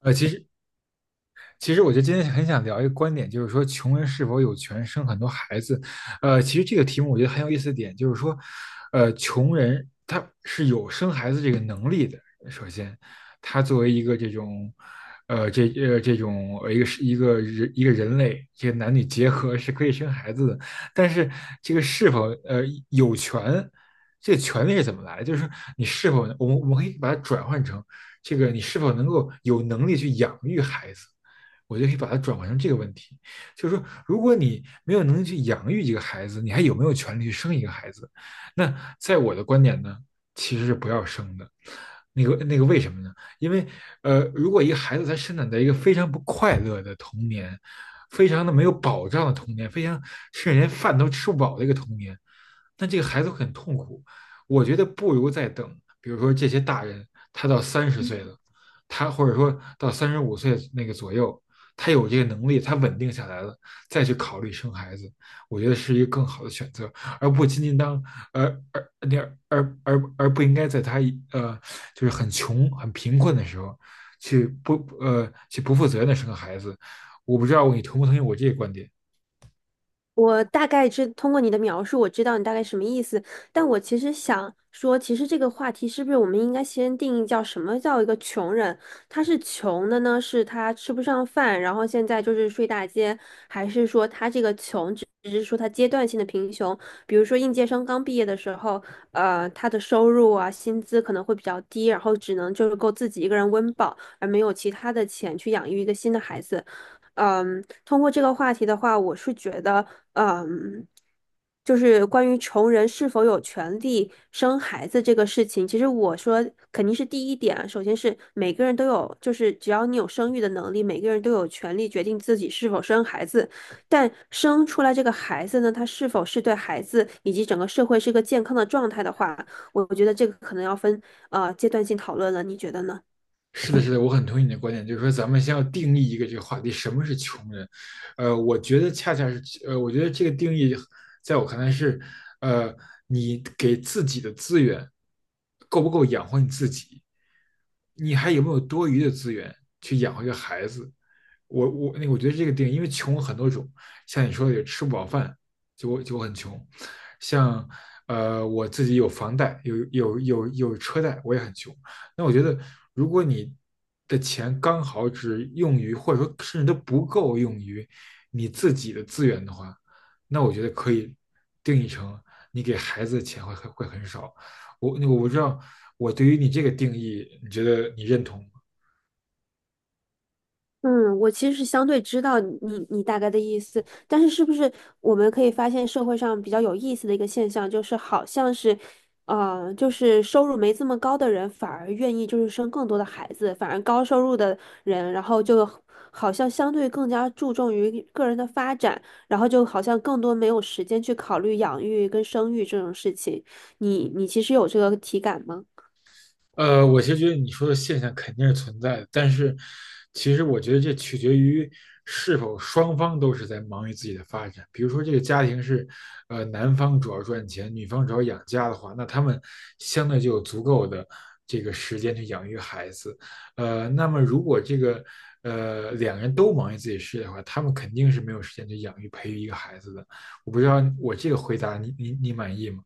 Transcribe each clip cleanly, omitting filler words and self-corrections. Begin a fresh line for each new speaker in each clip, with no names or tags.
其实我就今天很想聊一个观点，就是说穷人是否有权生很多孩子？其实这个题目我觉得很有意思的点就是说，穷人他是有生孩子这个能力的。首先，他作为一个这种，呃，这一个是一个人一个人类，这个男女结合是可以生孩子的。但是这个是否有权，这个权利是怎么来的？就是说你是否我们可以把它转换成这个你是否能够有能力去养育孩子？我就可以把它转换成这个问题，就是说，如果你没有能力去养育一个孩子，你还有没有权利去生一个孩子？那在我的观点呢，其实是不要生的。那个为什么呢？因为如果一个孩子他生长在一个非常不快乐的童年，非常的没有保障的童年，非常甚至连饭都吃不饱的一个童年，那这个孩子会很痛苦。我觉得不如再等，比如说这些大人，他到30岁了，他或者说到35岁那个左右，他有这个能力，他稳定下来了，再去考虑生孩子，我觉得是一个更好的选择，而不仅仅当而而那而而而不应该在他呃就是很穷很贫困的时候去不去不负责任的生个孩子。我不知道你同不同意我这个观点。
我大概知，通过你的描述，我知道你大概什么意思。但我其实想说，其实这个话题是不是我们应该先定义叫什么叫一个穷人？他是穷的呢，是他吃不上饭，然后现在就是睡大街，还是说他这个穷只是说他阶段性的贫穷？比如说应届生刚毕业的时候，他的收入啊，薪资可能会比较低，然后只能就是够自己一个人温饱，而没有其他的钱去养育一个新的孩子。嗯，通过这个话题的话，我是觉得，嗯，就是关于穷人是否有权利生孩子这个事情，其实我说肯定是第一点啊，首先是每个人都有，就是只要你有生育的能力，每个人都有权利决定自己是否生孩子。但生出来这个孩子呢，他是否是对孩子以及整个社会是个健康的状态的话，我觉得这个可能要分阶段性讨论了，你觉得呢？
是的，是的，我很同意你的观点，就是说咱们先要定义一个这个话题，什么是穷人？我觉得恰恰是，我觉得这个定义在我看来是，呃，你给自己的资源够不够养活你自己？你还有没有多余的资源去养活一个孩子？那我觉得这个定义，因为穷有很多种，像你说的有吃不饱饭，就我很穷，像我自己有房贷，有车贷，我也很穷。那我觉得，如果你的钱刚好只用于，或者说甚至都不够用于你自己的资源的话，那我觉得可以定义成你给孩子的钱会很少。我不知道，我对于你这个定义，你觉得你认同吗？
嗯，我其实是相对知道你大概的意思，但是是不是我们可以发现社会上比较有意思的一个现象，就是好像是，就是收入没这么高的人反而愿意就是生更多的孩子，反而高收入的人，然后就好像相对更加注重于个人的发展，然后就好像更多没有时间去考虑养育跟生育这种事情。你其实有这个体感吗？
我其实觉得你说的现象肯定是存在的，但是其实我觉得这取决于是否双方都是在忙于自己的发展。比如说，这个家庭是，男方主要赚钱，女方主要养家的话，那他们相对就有足够的这个时间去养育孩子。那么如果这个两个人都忙于自己事业的话，他们肯定是没有时间去养育培育一个孩子的。我不知道我这个回答你满意吗？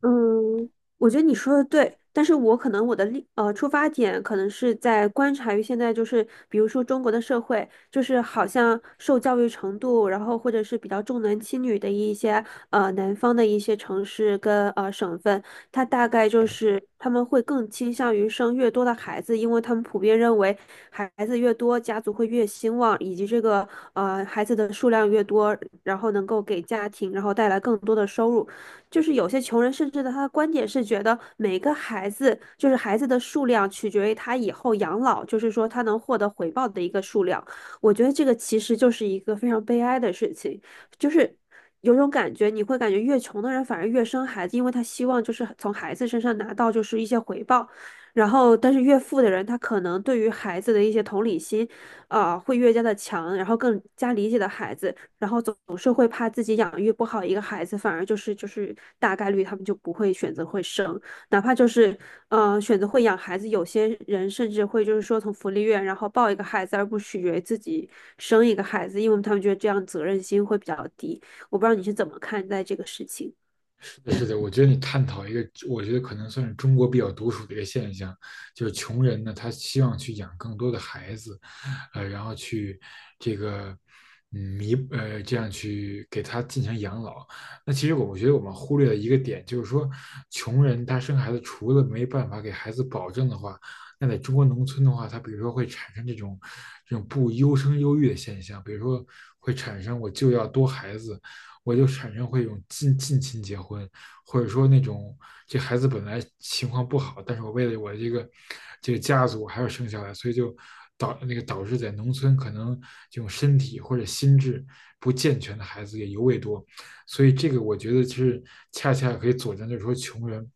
嗯，我觉得你说的对，但是我可能我的出发点可能是在观察于现在就是，比如说中国的社会，就是好像受教育程度，然后或者是比较重男轻女的一些南方的一些城市跟省份，它大概就是他们会更倾向于生越多的孩子，因为他们普遍认为孩子越多，家族会越兴旺，以及这个孩子的数量越多，然后能够给家庭然后带来更多的收入。就是有些穷人甚至的他的观点是觉得每个孩子就是孩子的数量取决于他以后养老，就是说他能获得回报的一个数量。我觉得这个其实就是一个非常悲哀的事情，就是有种感觉，你会感觉越穷的人反而越生孩子，因为他希望就是从孩子身上拿到就是一些回报。然后，但是越富的人，他可能对于孩子的一些同理心，啊、会越加的强，然后更加理解的孩子。然后总是会怕自己养育不好一个孩子，反而就是大概率他们就不会选择会生，哪怕就是选择会养孩子，有些人甚至会就是说从福利院然后抱一个孩子，而不取决于自己生一个孩子，因为他们觉得这样责任心会比较低。我不知道你是怎么看待这个事情。
是的，是的我觉得你探讨一个，我觉得可能算是中国比较独属的一个现象，就是穷人呢，他希望去养更多的孩子，然后去这个嗯弥呃这样去给他进行养老。那其实我觉得我们忽略了一个点，就是说穷人他生孩子除了没办法给孩子保证的话，那在中国农村的话，他比如说会产生这种不优生优育的现象，比如说会产生我就要多孩子，我就产生会有近亲结婚，或者说那种这孩子本来情况不好，但是我为了我这个家族还要生下来，所以就导那个导致在农村可能这种身体或者心智不健全的孩子也尤为多，所以这个我觉得是恰恰可以佐证，就是说穷人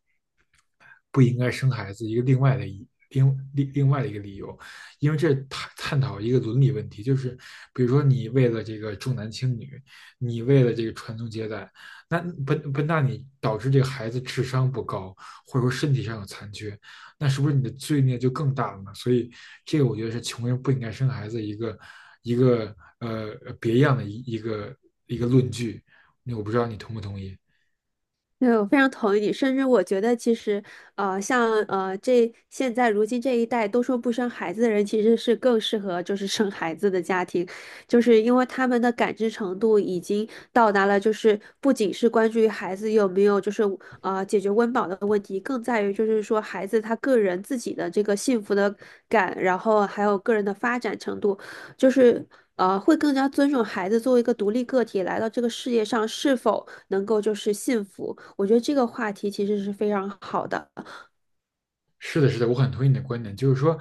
不应该生孩子一个另外的一个理由，因为这探讨一个伦理问题，就是比如说你为了这个重男轻女，你为了这个传宗接代，那不不那你导致这个孩子智商不高，或者说身体上有残缺，那是不是你的罪孽就更大了呢？所以这个我觉得是穷人不应该生孩子一个别样的一个论据，那我不知道你同不同意。
对，我非常同意你，甚至我觉得其实，像这现在如今这一代都说不生孩子的人，其实是更适合就是生孩子的家庭，就是因为他们的感知程度已经到达了，就是不仅是关注于孩子有没有就是解决温饱的问题，更在于就是说孩子他个人自己的这个幸福的感，然后还有个人的发展程度，就是。会更加尊重孩子作为一个独立个体来到这个世界上是否能够就是幸福。我觉得这个话题其实是非常好的。
是的，是的，我很同意你的观点，就是说，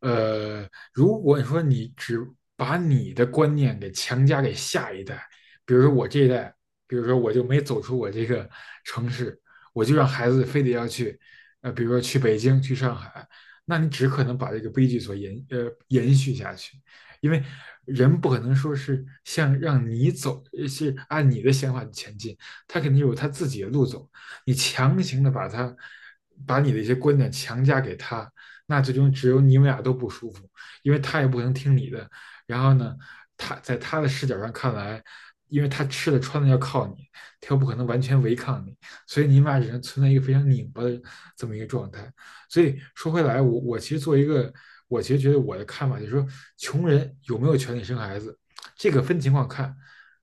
呃，如果你说你只把你的观念给强加给下一代，比如说我这一代，比如说我就没走出我这个城市，我就让孩子非得要去，比如说去北京、去上海，那你只可能把这个悲剧所延续下去，因为人不可能说是像让你走，是按你的想法前进，他肯定有他自己的路走。你强行的把他把你的一些观点强加给他，那最终只有你们俩都不舒服，因为他也不能听你的。然后呢，他在他的视角上看来，因为他吃的穿的要靠你，他又不可能完全违抗你，所以你们俩只能存在一个非常拧巴的这么一个状态。所以说回来，我其实做一个，我其实觉得我的看法就是说，穷人有没有权利生孩子，这个分情况看。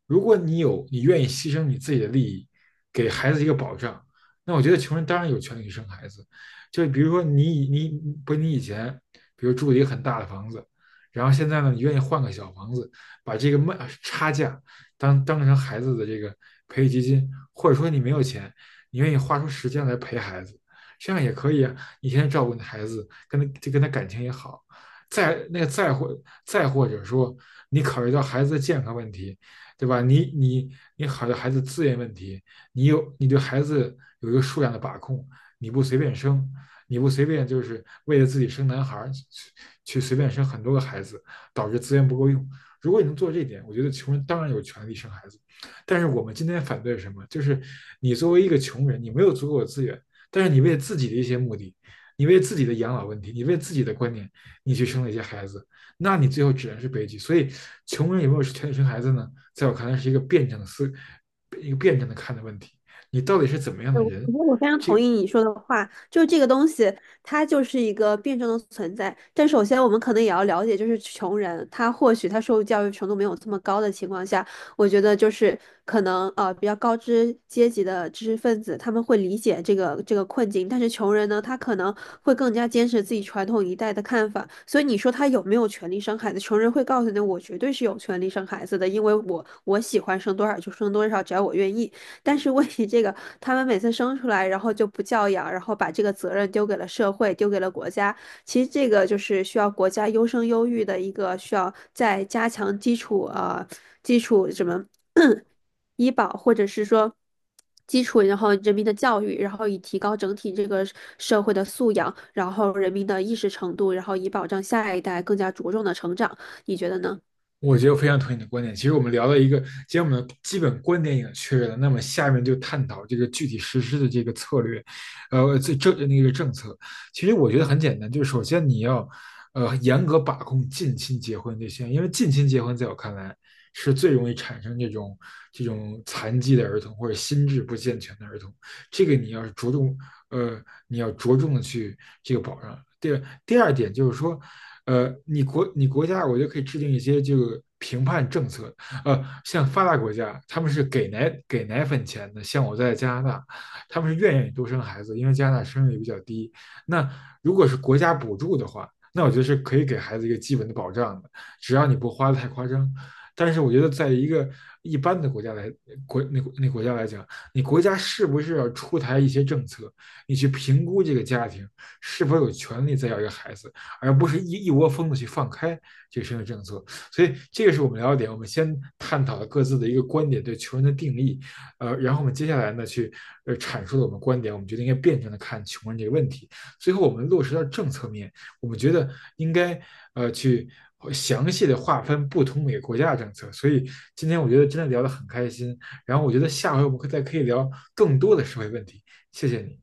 如果你有，你愿意牺牲你自己的利益，给孩子一个保障，那我觉得穷人当然有权利生孩子，就比如说你不是你以前，比如住了一个很大的房子，然后现在呢，你愿意换个小房子，把这个卖差价当成孩子的这个培育基金，或者说你没有钱，你愿意花出时间来陪孩子，这样也可以啊。你天天照顾你的孩子，跟他就跟他感情也好。再那个再或再或者说，你考虑到孩子的健康问题，对吧？你考虑到孩子资源问题，你有你对孩子有一个数量的把控，你不随便生，你不随便就是为了自己生男孩去随便生很多个孩子，导致资源不够用。如果你能做这一点，我觉得穷人当然有权利生孩子。但是我们今天反对什么？就是你作为一个穷人，你没有足够的资源，但是你为自己的一些目的，你为自己的养老问题，你为自己的观念，你去生了一些孩子，那你最后只能是悲剧。所以，穷人有没有权利生孩子呢？在我看来，是一个辩证的看的问题，你到底是怎么样
对，
的
我
人？
觉得我非常同
这
意你说的话，就是这个东西，它就是一个辩证的存在。但首先，我们可能也要了解，就是穷人，他或许他受教育程度没有这么高的情况下，我觉得就是可能比较高知阶级的知识分子他们会理解这个困境，但是穷人呢，他可能会更加坚持自己传统一代的看法。所以你说他有没有权利生孩子？穷人会告诉你，我绝对是有权利生孩子的，因为我喜欢生多少就生多少，只要我愿意。但是问题这个，他们每次生出来，然后就不教养，然后把这个责任丢给了社会，丢给了国家。其实这个就是需要国家优生优育的一个需要再加强基础基础什么 医保，或者是说基础，然后人民的教育，然后以提高整体这个社会的素养，然后人民的意识程度，然后以保障下一代更加茁壮的成长。你觉得呢？
我觉得我非常同意你的观点。其实我们聊了一个，既然我们的基本观点已经确认了，那么下面就探讨这个具体实施的这个策略，呃，这这那个政策。其实我觉得很简单，就是首先你要，严格把控近亲结婚这些，因为近亲结婚在我看来是最容易产生这种残疾的儿童或者心智不健全的儿童，这个你要着重，呃，你要着重的去这个保障。第二点就是说，你国家，我觉得可以制定一些这个评判政策。像发达国家，他们是给奶粉钱的，像我在加拿大，他们是愿意多生孩子，因为加拿大生育率比较低。那如果是国家补助的话，那我觉得是可以给孩子一个基本的保障的，只要你不花的太夸张。但是我觉得，在一个一般的国家来国那那国家来讲，你国家是不是要出台一些政策，你去评估这个家庭是否有权利再要一个孩子？而不是一窝蜂的去放开这个社会政策。所以这个是我们聊的点，我们先探讨了各自的一个观点对穷人的定义，然后我们接下来呢去阐述了我们观点，我们觉得应该辩证的看穷人这个问题。最后我们落实到政策面，我们觉得应该去。详细的划分不同每个国家的政策，所以今天我觉得真的聊得很开心。然后我觉得下回我们再可以聊更多的社会问题。谢谢你。